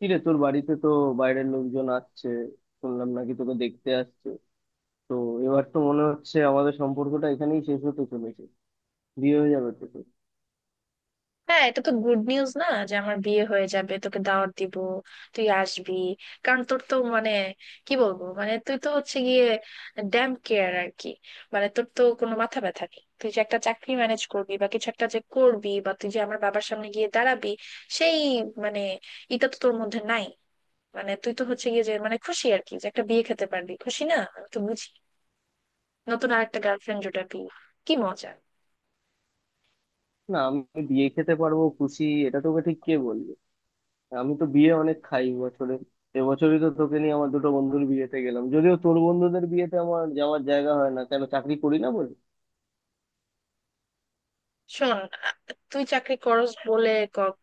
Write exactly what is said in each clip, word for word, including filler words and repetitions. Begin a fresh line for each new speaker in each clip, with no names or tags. কিরে, তোর বাড়িতে তো বাইরের লোকজন আসছে। শুনলাম নাকি তোকে দেখতে আসছে? তো এবার তো মনে হচ্ছে আমাদের সম্পর্কটা এখানেই শেষ হতে চলেছে। বিয়ে হয়ে যাবে তো তোর।
হ্যাঁ, এটা তো গুড নিউজ না যে আমার বিয়ে হয়ে যাবে তোকে দাওয়াত দিব। তুই আসবি। কারণ তোর তো মানে কি বলবো, মানে তুই তো হচ্ছে গিয়ে ড্যাম কেয়ার আর কি। মানে তোর তো কোনো মাথা ব্যথা নেই তুই যে একটা চাকরি ম্যানেজ করবি বা কিছু একটা যে করবি বা তুই যে আমার বাবার সামনে গিয়ে দাঁড়াবি, সেই, মানে এটা তো তোর মধ্যে নাই। মানে তুই তো হচ্ছে গিয়ে যে মানে খুশি আর কি, যে একটা বিয়ে খেতে পারবি খুশি, না আমি তো বুঝি। নতুন আর একটা গার্লফ্রেন্ড জোটাবি, কি মজা।
না, আমি বিয়ে খেতে পারবো খুশি, এটা তোকে ঠিক কে বলবে? আমি তো বিয়ে অনেক খাই বছরে। এবছরই তো তোকে নিয়ে আমার দুটো বন্ধুর বিয়েতে গেলাম, যদিও তোর বন্ধুদের বিয়েতে আমার যাওয়ার জায়গা হয় না, কেন? চাকরি করি না বলে।
শোন, আ- তুই চাকরি করস বলে ক-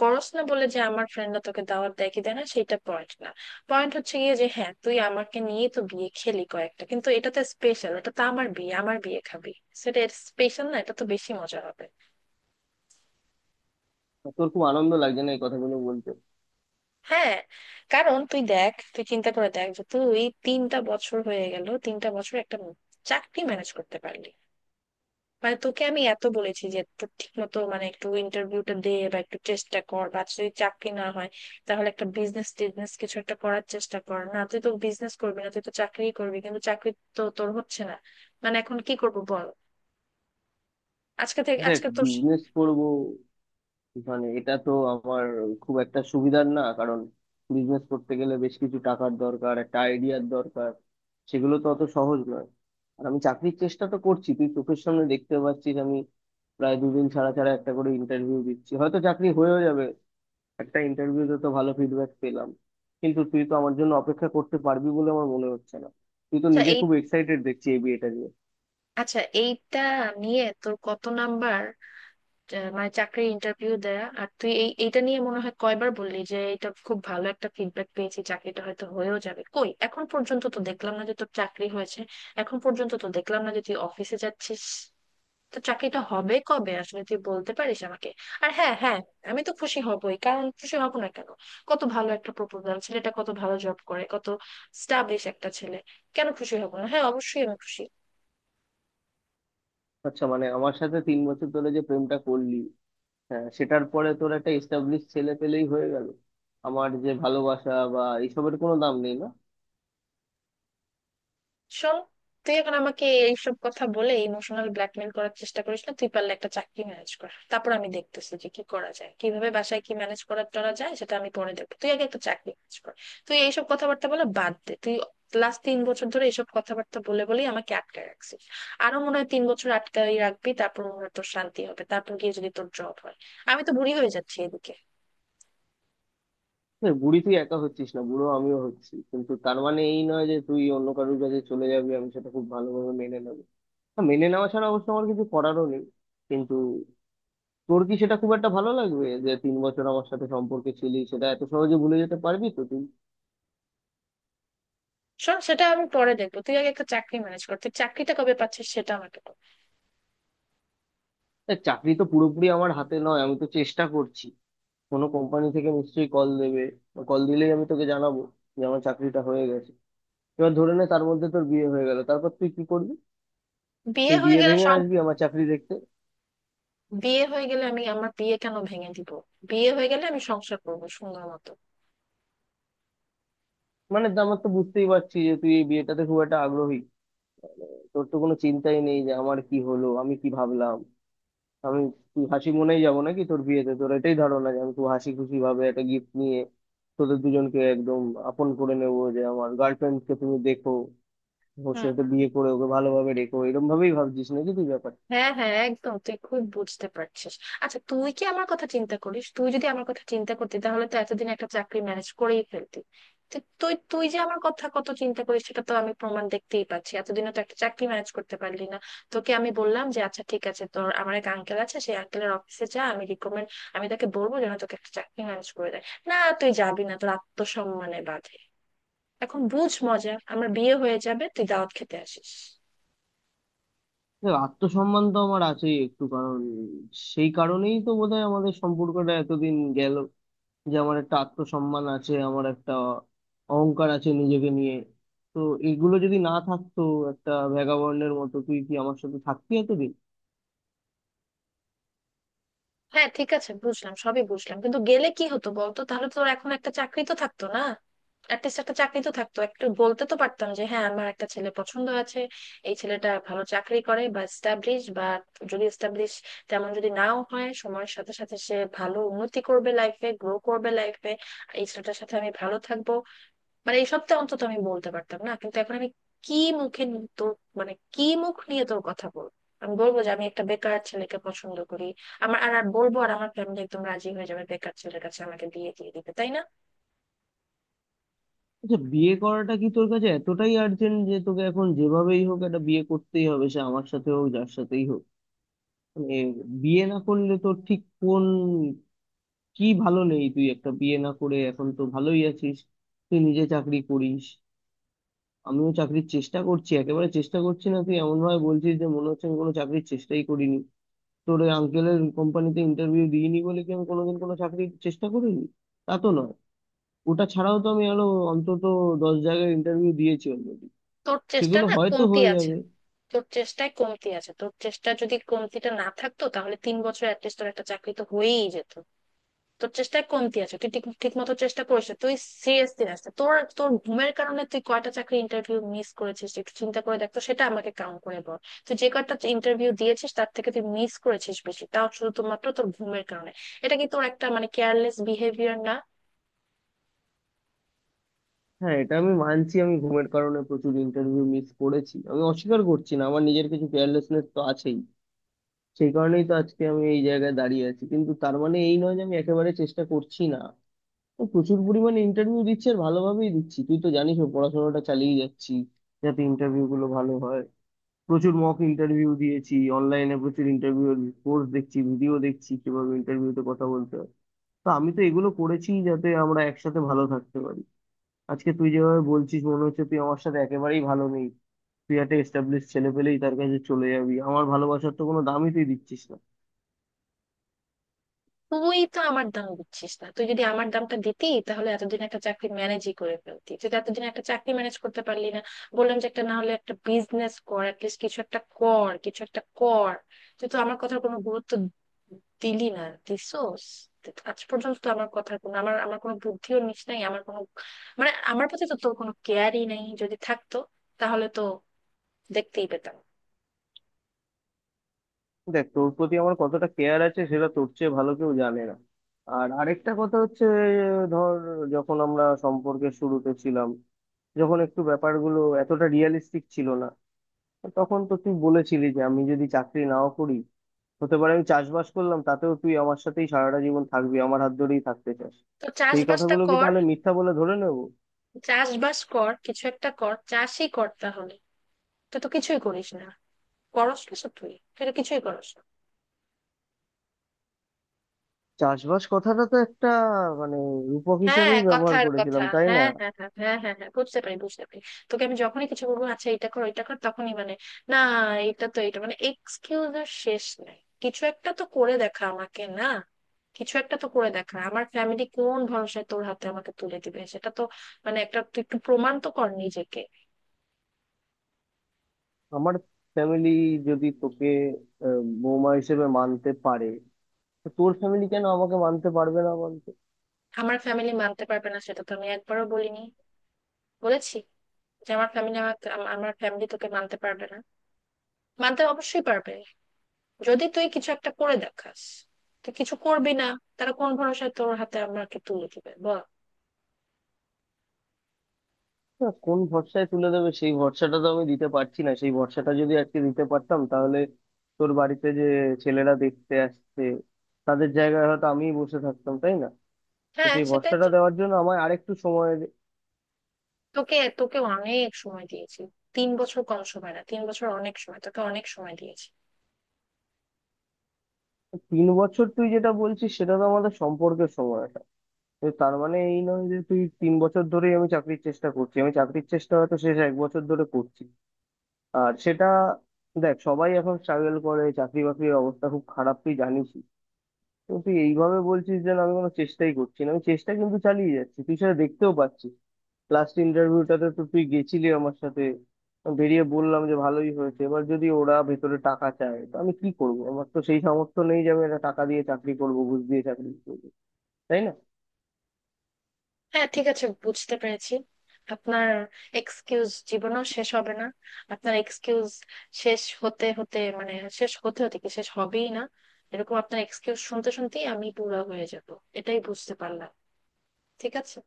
করস না বলে যে আমার ফ্রেন্ডরা তোকে দাওয়াত দেয় কি দেয় না সেটা পয়েন্ট না। পয়েন্ট হচ্ছে গিয়ে যে হ্যাঁ, তুই আমাকে নিয়ে তো বিয়ে খেলি কয়েকটা, কিন্তু এটা তো স্পেশাল, এটা তো আমার বিয়ে, আমার বিয়ে খাবি সেটা স্পেশাল না, এটা তো বেশি মজা হবে।
তোর খুব আনন্দ লাগছে না এই কথাগুলো বলতে?
হ্যাঁ, কারণ তুই দেখ, তুই চিন্তা করে দেখ যে তুই তিনটা বছর হয়ে গেল, তিনটা বছর একটা চাকরি ম্যানেজ করতে পারলি? মানে তোকে আমি এত বলেছি যে তোর ঠিক মতো মানে একটু ইন্টারভিউটা দে বা একটু চেষ্টা কর, বা যদি চাকরি না হয় তাহলে একটা বিজনেস টিজনেস কিছু একটা করার চেষ্টা কর, না তুই তো বিজনেস করবি না, তুই তো চাকরি করবি, কিন্তু চাকরি তো তোর হচ্ছে না। মানে এখন কি করবো বল। আজকে থেকে
দেখ,
আজকে তোর
বিজনেস করবো, মানে এটা তো আমার খুব একটা সুবিধার না, কারণ বিজনেস করতে গেলে বেশ কিছু টাকার দরকার, একটা আইডিয়ার দরকার। সেগুলো তো অত সহজ নয়। আর আমি চাকরির চেষ্টা তো করছি, তুই চোখের সামনে দেখতে পাচ্ছিস। আমি প্রায় দুদিন ছাড়া ছাড়া একটা করে ইন্টারভিউ দিচ্ছি, হয়তো চাকরি হয়েও যাবে। একটা ইন্টারভিউতে তো ভালো ফিডব্যাক পেলাম। কিন্তু তুই তো আমার জন্য অপেক্ষা করতে পারবি বলে আমার মনে হচ্ছে না। তুই তো
আচ্ছা
নিজে
এই
খুব এক্সাইটেড দেখছি এই বিয়েটা নিয়ে।
আচ্ছা এইটা নিয়ে তোর কত নাম্বার আহ, মানে চাকরির ইন্টারভিউ দেয়া, আর তুই এই এইটা নিয়ে মনে হয় কয়বার বললি যে এটা খুব ভালো একটা ফিডব্যাক পেয়েছি, চাকরিটা হয়তো হয়েও যাবে, কই এখন পর্যন্ত তো দেখলাম না যে তোর চাকরি হয়েছে। এখন পর্যন্ত তো দেখলাম না যে তুই অফিসে যাচ্ছিস, তো চাকরিটা হবে কবে আসলে তুই বলতে পারিস আমাকে? আর হ্যাঁ, হ্যাঁ, আমি তো খুশি হবই, কারণ খুশি হব না কেন? কত ভালো একটা প্রপোজাল, ছেলেটা কত ভালো জব করে, কত স্টাবলিশ একটা ছেলে, কেন খুশি হব না, হ্যাঁ অবশ্যই আমি খুশি।
আচ্ছা, মানে আমার সাথে তিন বছর ধরে যে প্রেমটা করলি, হ্যাঁ, সেটার পরে তোর একটা এস্টাবলিশ ছেলে পেলেই হয়ে গেল? আমার যে ভালোবাসা বা এইসবের কোনো দাম নেই, না?
শোন, তুই এখন আমাকে এইসব কথা বলে ইমোশনাল ব্ল্যাকমেল করার চেষ্টা করিস না, তুই পারলে একটা চাকরি ম্যানেজ কর, তারপর আমি দেখতেছি যে কি করা যায়, কিভাবে বাসায় কি ম্যানেজ করা টরা যায় সেটা আমি পরে দেখবো, তুই আগে একটা চাকরি ম্যানেজ কর। তুই এইসব কথাবার্তা বলে বাদ দে, তুই লাস্ট তিন বছর ধরে এইসব কথাবার্তা বলে বলেই আমাকে আটকে রাখছিস, আরো মনে হয় তিন বছর আটকাই রাখবি, তারপর মনে হয় তোর শান্তি হবে, তারপর গিয়ে যদি তোর জব হয়। আমি তো বুড়ি হয়ে যাচ্ছি এদিকে।
দেখ, বুড়ি তুই একা হচ্ছিস না, বুড়ো আমিও হচ্ছি, কিন্তু তার মানে এই নয় যে তুই অন্য কারোর কাছে চলে যাবি আমি সেটা খুব ভালোভাবে মেনে নেবো। হ্যাঁ, মেনে নেওয়া ছাড়া অবশ্য আমার কিছু করারও নেই। কিন্তু তোর কি সেটা খুব একটা ভালো লাগবে যে তিন বছর আমার সাথে সম্পর্কে ছিলি, সেটা এত সহজে ভুলে যেতে পারবি তো তুই?
শোন, সেটা আমি পরে দেখবো, তুই আগে একটা চাকরি ম্যানেজ কর, তুই চাকরিটা কবে পাচ্ছিস সেটা আমাকে বল।
দেখ, চাকরি তো পুরোপুরি আমার হাতে নয়, আমি তো চেষ্টা করছি। কোনো কোম্পানি থেকে নিশ্চয়ই কল দেবে। কল দিলেই আমি তোকে জানাবো যে আমার চাকরিটা হয়ে গেছে। এবার ধরে নে তার মধ্যে তোর বিয়ে হয়ে গেল, তারপর তুই কি করবি?
বিয়ে
সেই
হয়ে
বিয়ে
গেলে,
ভেঙে আসবি আমার চাকরি দেখতে?
বিয়ে হয়ে গেলে আমি আমার বিয়ে কেন ভেঙে দিব? বিয়ে হয়ে গেলে আমি সংসার করবো সুন্দর মতো।
মানে তো আমার তো বুঝতেই পারছি যে তুই এই বিয়েটাতে খুব একটা আগ্রহী। তোর তো কোনো চিন্তাই নেই যে আমার কি হলো, আমি কি ভাবলাম। আমি তুই হাসি মনেই যাবো নাকি তোর বিয়েতে? তোর এটাই ধারণা যে আমি খুব হাসি খুশি ভাবে একটা গিফট নিয়ে তোদের দুজনকে একদম আপন করে নেবো, যে আমার গার্লফ্রেন্ড কে, তুমি দেখো, ওর
হুম।
সাথে বিয়ে করে ওকে ভালোভাবে রেখো, এরকম ভাবেই ভাবছিস নাকি তুই ব্যাপার?
হ্যাঁ, হ্যাঁ, একদম, তুই খুব বুঝতে পারছিস। আচ্ছা তুই কি আমার কথা চিন্তা করিস? তুই যদি আমার কথা চিন্তা করতি তাহলে তো এতদিন একটা চাকরি ম্যানেজ করেই ফেলতি। তো তুই তুই যে আমার কথা কত চিন্তা করিস সেটা তো আমি প্রমাণ দেখতেই পাচ্ছি, এতদিনও তো একটা চাকরি ম্যানেজ করতে পারলি না। তোকে আমি বললাম যে আচ্ছা ঠিক আছে, তোর আমার এক আঙ্কেল আছে, সেই আঙ্কেলের অফিসে যা, আমি রিকমেন্ড, আমি তাকে বলবো যেন তোকে একটা চাকরি ম্যানেজ করে দেয়, না তুই যাবি না, তোর আত্মসম্মানে বাধে। এখন বুঝ মজা, আমার বিয়ে হয়ে যাবে, তুই দাওয়াত খেতে আসিস।
দেখো, আত্মসম্মান তো আমার আছেই একটু, কারণ সেই কারণেই তো বোধহয় আমাদের সম্পর্কটা এতদিন গেল, যে আমার একটা আত্মসম্মান আছে, আমার একটা অহংকার আছে নিজেকে নিয়ে। তো এগুলো যদি না থাকতো, একটা ভ্যাগাবন্ডের মতো তুই কি আমার সাথে থাকতি এতদিন?
হ্যাঁ, ঠিক আছে, বুঝলাম সবই বুঝলাম, কিন্তু গেলে কি হতো বলতো, তাহলে তোর এখন একটা চাকরি তো থাকতো না, অ্যাটলিস্ট একটা চাকরি তো থাকতো, একটু বলতে তো পারতাম যে হ্যাঁ আমার একটা ছেলে পছন্দ আছে, এই ছেলেটা ভালো চাকরি করে বা এস্টাবলিশ, বা যদি এস্টাবলিশ তেমন যদি নাও হয়, সময়ের সাথে সাথে সে ভালো উন্নতি করবে লাইফে, গ্রো করবে লাইফে, এই ছেলেটার সাথে আমি ভালো থাকবো, মানে এই সপ্তাহে অন্তত আমি বলতে পারতাম, না কিন্তু এখন আমি কি মুখে নি- তোর, মানে কি মুখ নিয়ে তোর কথা বলবো? আমি বলবো যে আমি একটা বেকার ছেলেকে পছন্দ করি, আমার আর আর বলবো, আর আমার ফ্যামিলি একদম রাজি হয়ে যাবে বেকার ছেলের কাছে আমাকে বিয়ে দিয়ে দিবে তাই না?
আচ্ছা, বিয়ে করাটা কি তোর কাছে এতটাই আর্জেন্ট যে তোকে এখন যেভাবেই হোক একটা বিয়ে করতেই হবে, সে আমার সাথে হোক যার সাথেই হোক? মানে বিয়ে না করলে তোর ঠিক কোন কি ভালো নেই? তুই একটা বিয়ে না করে এখন তো ভালোই আছিস, তুই নিজে চাকরি করিস। আমিও চাকরির চেষ্টা করছি, একেবারে চেষ্টা করছি না তুই এমন ভাবে বলছিস যে মনে হচ্ছে আমি কোনো চাকরির চেষ্টাই করিনি। তোর ওই আঙ্কেলের কোম্পানিতে ইন্টারভিউ দিইনি বলে কি আমি কোনোদিন কোনো চাকরির চেষ্টা করিনি? তা তো নয়। ওটা ছাড়াও তো আমি আরো অন্তত দশ জায়গায় ইন্টারভিউ দিয়েছি অলরেডি।
তোর চেষ্টা
সেগুলো
না
হয়তো
কমতি
হয়ে
আছে,
যাবে।
তোর চেষ্টায় কমতি আছে, তোর চেষ্টা যদি কমতিটা না থাকতো তাহলে তিন বছর অ্যাটলিস্ট তোর একটা চাকরি তো হয়েই যেত। তোর চেষ্টায় কমতি আছে, তুই ঠিক ঠিক মতো চেষ্টা করিস না, তুই সিরিয়াসলি আসতে তোর তোর ঘুমের কারণে তুই কয়টা চাকরি ইন্টারভিউ মিস করেছিস একটু চিন্তা করে দেখ তো, সেটা আমাকে কাউন্ট করে বল। তুই যে কয়টা ইন্টারভিউ দিয়েছিস তার থেকে তুই মিস করেছিস বেশি, তাও শুধুমাত্র তোর ঘুমের কারণে। এটা কি তোর একটা মানে কেয়ারলেস বিহেভিয়ার না?
হ্যাঁ, এটা আমি মানছি, আমি ঘুমের কারণে প্রচুর ইন্টারভিউ মিস করেছি, আমি অস্বীকার করছি না, আমার নিজের কিছু কেয়ারলেসনেস তো আছেই। সেই কারণেই তো আজকে আমি এই জায়গায় দাঁড়িয়ে আছি, কিন্তু তার মানে এই নয় যে আমি একেবারে চেষ্টা করছি না। আমি প্রচুর পরিমাণে ইন্টারভিউ দিচ্ছি আর ভালোভাবেই দিচ্ছি, তুই তো জানিস। ও পড়াশোনাটা চালিয়ে যাচ্ছি যাতে ইন্টারভিউ গুলো ভালো হয়। প্রচুর মক ইন্টারভিউ দিয়েছি অনলাইনে, প্রচুর ইন্টারভিউ কোর্স দেখছি, ভিডিও দেখছি কিভাবে ইন্টারভিউতে কথা বলতে হয়। তো আমি তো এগুলো করেছি যাতে আমরা একসাথে ভালো থাকতে পারি। আজকে তুই যেভাবে বলছিস মনে হচ্ছে তুই আমার সাথে একেবারেই ভালো নেই। তুই একটা এস্টাবলিশ ছেলে পেলেই তার কাছে চলে যাবি, আমার ভালোবাসার তো কোনো দামই তুই দিচ্ছিস না।
তুই তো আমার দাম দিচ্ছিস না, তুই যদি আমার দামটা দিতি তাহলে এতদিন একটা চাকরি ম্যানেজই করে ফেলতি, তুই তো এতদিন একটা চাকরি ম্যানেজ করতে পারলি না। বললাম যে একটা না হলে একটা বিজনেস কর, অ্যাটলিস্ট কিছু একটা কর, কিছু একটা কর, তুই তো আমার কথার কোনো গুরুত্ব দিলি না, দিছোস। আজ পর্যন্ত তো আমার কথার কোনো, আমার আমার কোনো বুদ্ধিও নিস নাই, আমার কোনো মানে আমার প্রতি তো তোর কোনো কেয়ারই নেই, যদি থাকতো তাহলে তো দেখতেই পেতাম।
দেখ, তোর প্রতি আমার কতটা কেয়ার আছে সেটা তোর চেয়ে ভালো কেউ জানে না। আর আরেকটা কথা হচ্ছে, ধর, যখন আমরা সম্পর্কের শুরুতে ছিলাম, যখন একটু ব্যাপারগুলো এতটা রিয়েলিস্টিক ছিল না, তখন তো তুই বলেছিলি যে আমি যদি চাকরি নাও করি, হতে পারে আমি চাষবাস করলাম, তাতেও তুই আমার সাথেই সারাটা জীবন থাকবি, আমার হাত ধরেই থাকতে চাস।
তো
সেই
চাষবাসটা
কথাগুলো কি
কর,
তাহলে মিথ্যা বলে ধরে নেব?
চাষবাস কর, কিছু একটা কর, চাষই কর তাহলে, তুই তো কিছুই করিস না, করস কিছু, তুই তুই তো কিছুই করস না।
চাষবাস কথাটা তো একটা, মানে, রূপক
হ্যাঁ
হিসেবেই ব্যবহার
কথার কথা।
করেছিলাম, তাই না?
হ্যাঁ, হ্যাঁ, হ্যাঁ, হ্যাঁ, হ্যাঁ, হ্যাঁ, বুঝতে পারি, বুঝতে পারি। তোকে আমি যখনই কিছু বলবো আচ্ছা এটা কর, এটা কর, তখনই মানে না, এটা তো এটা মানে এক্সকিউজ এর শেষ নাই। কিছু একটা তো করে দেখা আমাকে না, কিছু একটা তো করে দেখা, আমার ফ্যামিলি কোন ভরসায় তোর হাতে আমাকে তুলে দিবে সেটা তো মানে একটা, তুই একটু প্রমাণ তো কর নিজেকে।
আমার ফ্যামিলি যদি তোকে আহ, বৌমা হিসেবে মানতে পারে, তো তোর ফ্যামিলি কেন আমাকে মানতে পারবে না বলতো?
আমার ফ্যামিলি মানতে পারবে না সেটা তো আমি একবারও বলিনি, বলেছি যে আমার ফ্যামিলি আমাকে আম- আমার ফ্যামিলি তোকে মানতে পারবে না, মানতে অবশ্যই পারবে যদি তুই কিছু একটা করে দেখাস, তুই কিছু করবি না, তারা কোন ভরসায় তোর হাতে আমাকে তুলে দিবে বল?
না, কোন ভরসায় তুলে দেবে সেই ভরসাটা তো আমি দিতে পারছি না। সেই ভরসাটা যদি আজকে দিতে পারতাম, তাহলে তোর বাড়িতে যে ছেলেরা দেখতে আসছে তাদের জায়গায় হয়তো আমিই বসে থাকতাম, তাই না? তো
হ্যাঁ
সেই
সেটাই
ভরসাটা
তো।
দেওয়ার জন্য আমায় আরেকটু সময় দে।
তোকে তোকে অনেক সময় দিয়েছি, তিন বছর কম সময় না, তিন বছর অনেক সময়, তোকে অনেক সময় দিয়েছি।
তিন বছর তুই যেটা বলছিস সেটা তো আমাদের সম্পর্কের সময়টা, তো তার মানে এই নয় যে তুই তিন বছর ধরেই আমি চাকরির চেষ্টা করছি। আমি চাকরির চেষ্টা হয়তো শেষ এক বছর ধরে করছি। আর সেটা দেখ, সবাই এখন স্ট্রাগল করে, চাকরি বাকরির অবস্থা খুব খারাপ, তুই জানিসই। কিন্তু তুই এইভাবে বলছিস যে না, আমি কোনো চেষ্টাই করছি না। আমি চেষ্টা কিন্তু চালিয়ে যাচ্ছি, তুই সেটা দেখতেও পাচ্ছিস। লাস্ট ইন্টারভিউটাতে তো তুই গেছিলি আমার সাথে। আমি বেরিয়ে বললাম যে ভালোই হয়েছে, এবার যদি ওরা ভেতরে টাকা চায় তো আমি কি করব? আমার তো সেই সামর্থ্য নেই যে আমি একটা টাকা দিয়ে চাকরি করব, ঘুষ দিয়ে চাকরি করবো, তাই না?
হ্যাঁ, ঠিক আছে, বুঝতে পেরেছি। আপনার এক্সকিউজ জীবনও শেষ হবে না, আপনার এক্সকিউজ শেষ হতে হতে মানে শেষ হতে হতে কি শেষ হবেই না? এরকম আপনার এক্সকিউজ শুনতে শুনতেই আমি বুড়া হয়ে যাব, এটাই বুঝতে পারলাম। ঠিক আছে।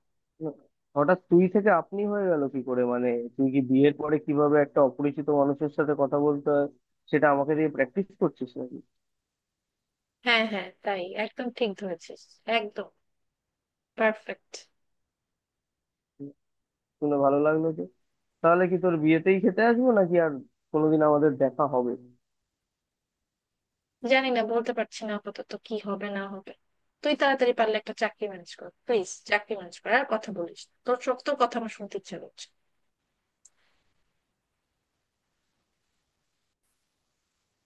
না, হঠাৎ তুই থেকে আপনি হয়ে গেল কি করে, মানে তুই কি বিয়ের পরে কিভাবে একটা অপরিচিত মানুষের সাথে কথা বলতে হয় সেটা আমাকে দিয়ে প্র্যাকটিস করছিস নাকি?
হ্যাঁ, হ্যাঁ, তাই একদম ঠিক ধরেছিস, একদম পারফেক্ট।
শুনে ভালো লাগলো যে। তাহলে কি তোর বিয়েতেই খেতে আসবো নাকি আর কোনোদিন আমাদের দেখা হবে?
জানি না, বলতে পারছি না আপাতত কি হবে না হবে, তুই তাড়াতাড়ি পারলে একটা চাকরি ম্যানেজ কর প্লিজ, চাকরি ম্যানেজ কর, আর কথা বলিস না। তোর সব তোর কথা আমার শুনতে ইচ্ছে করছে।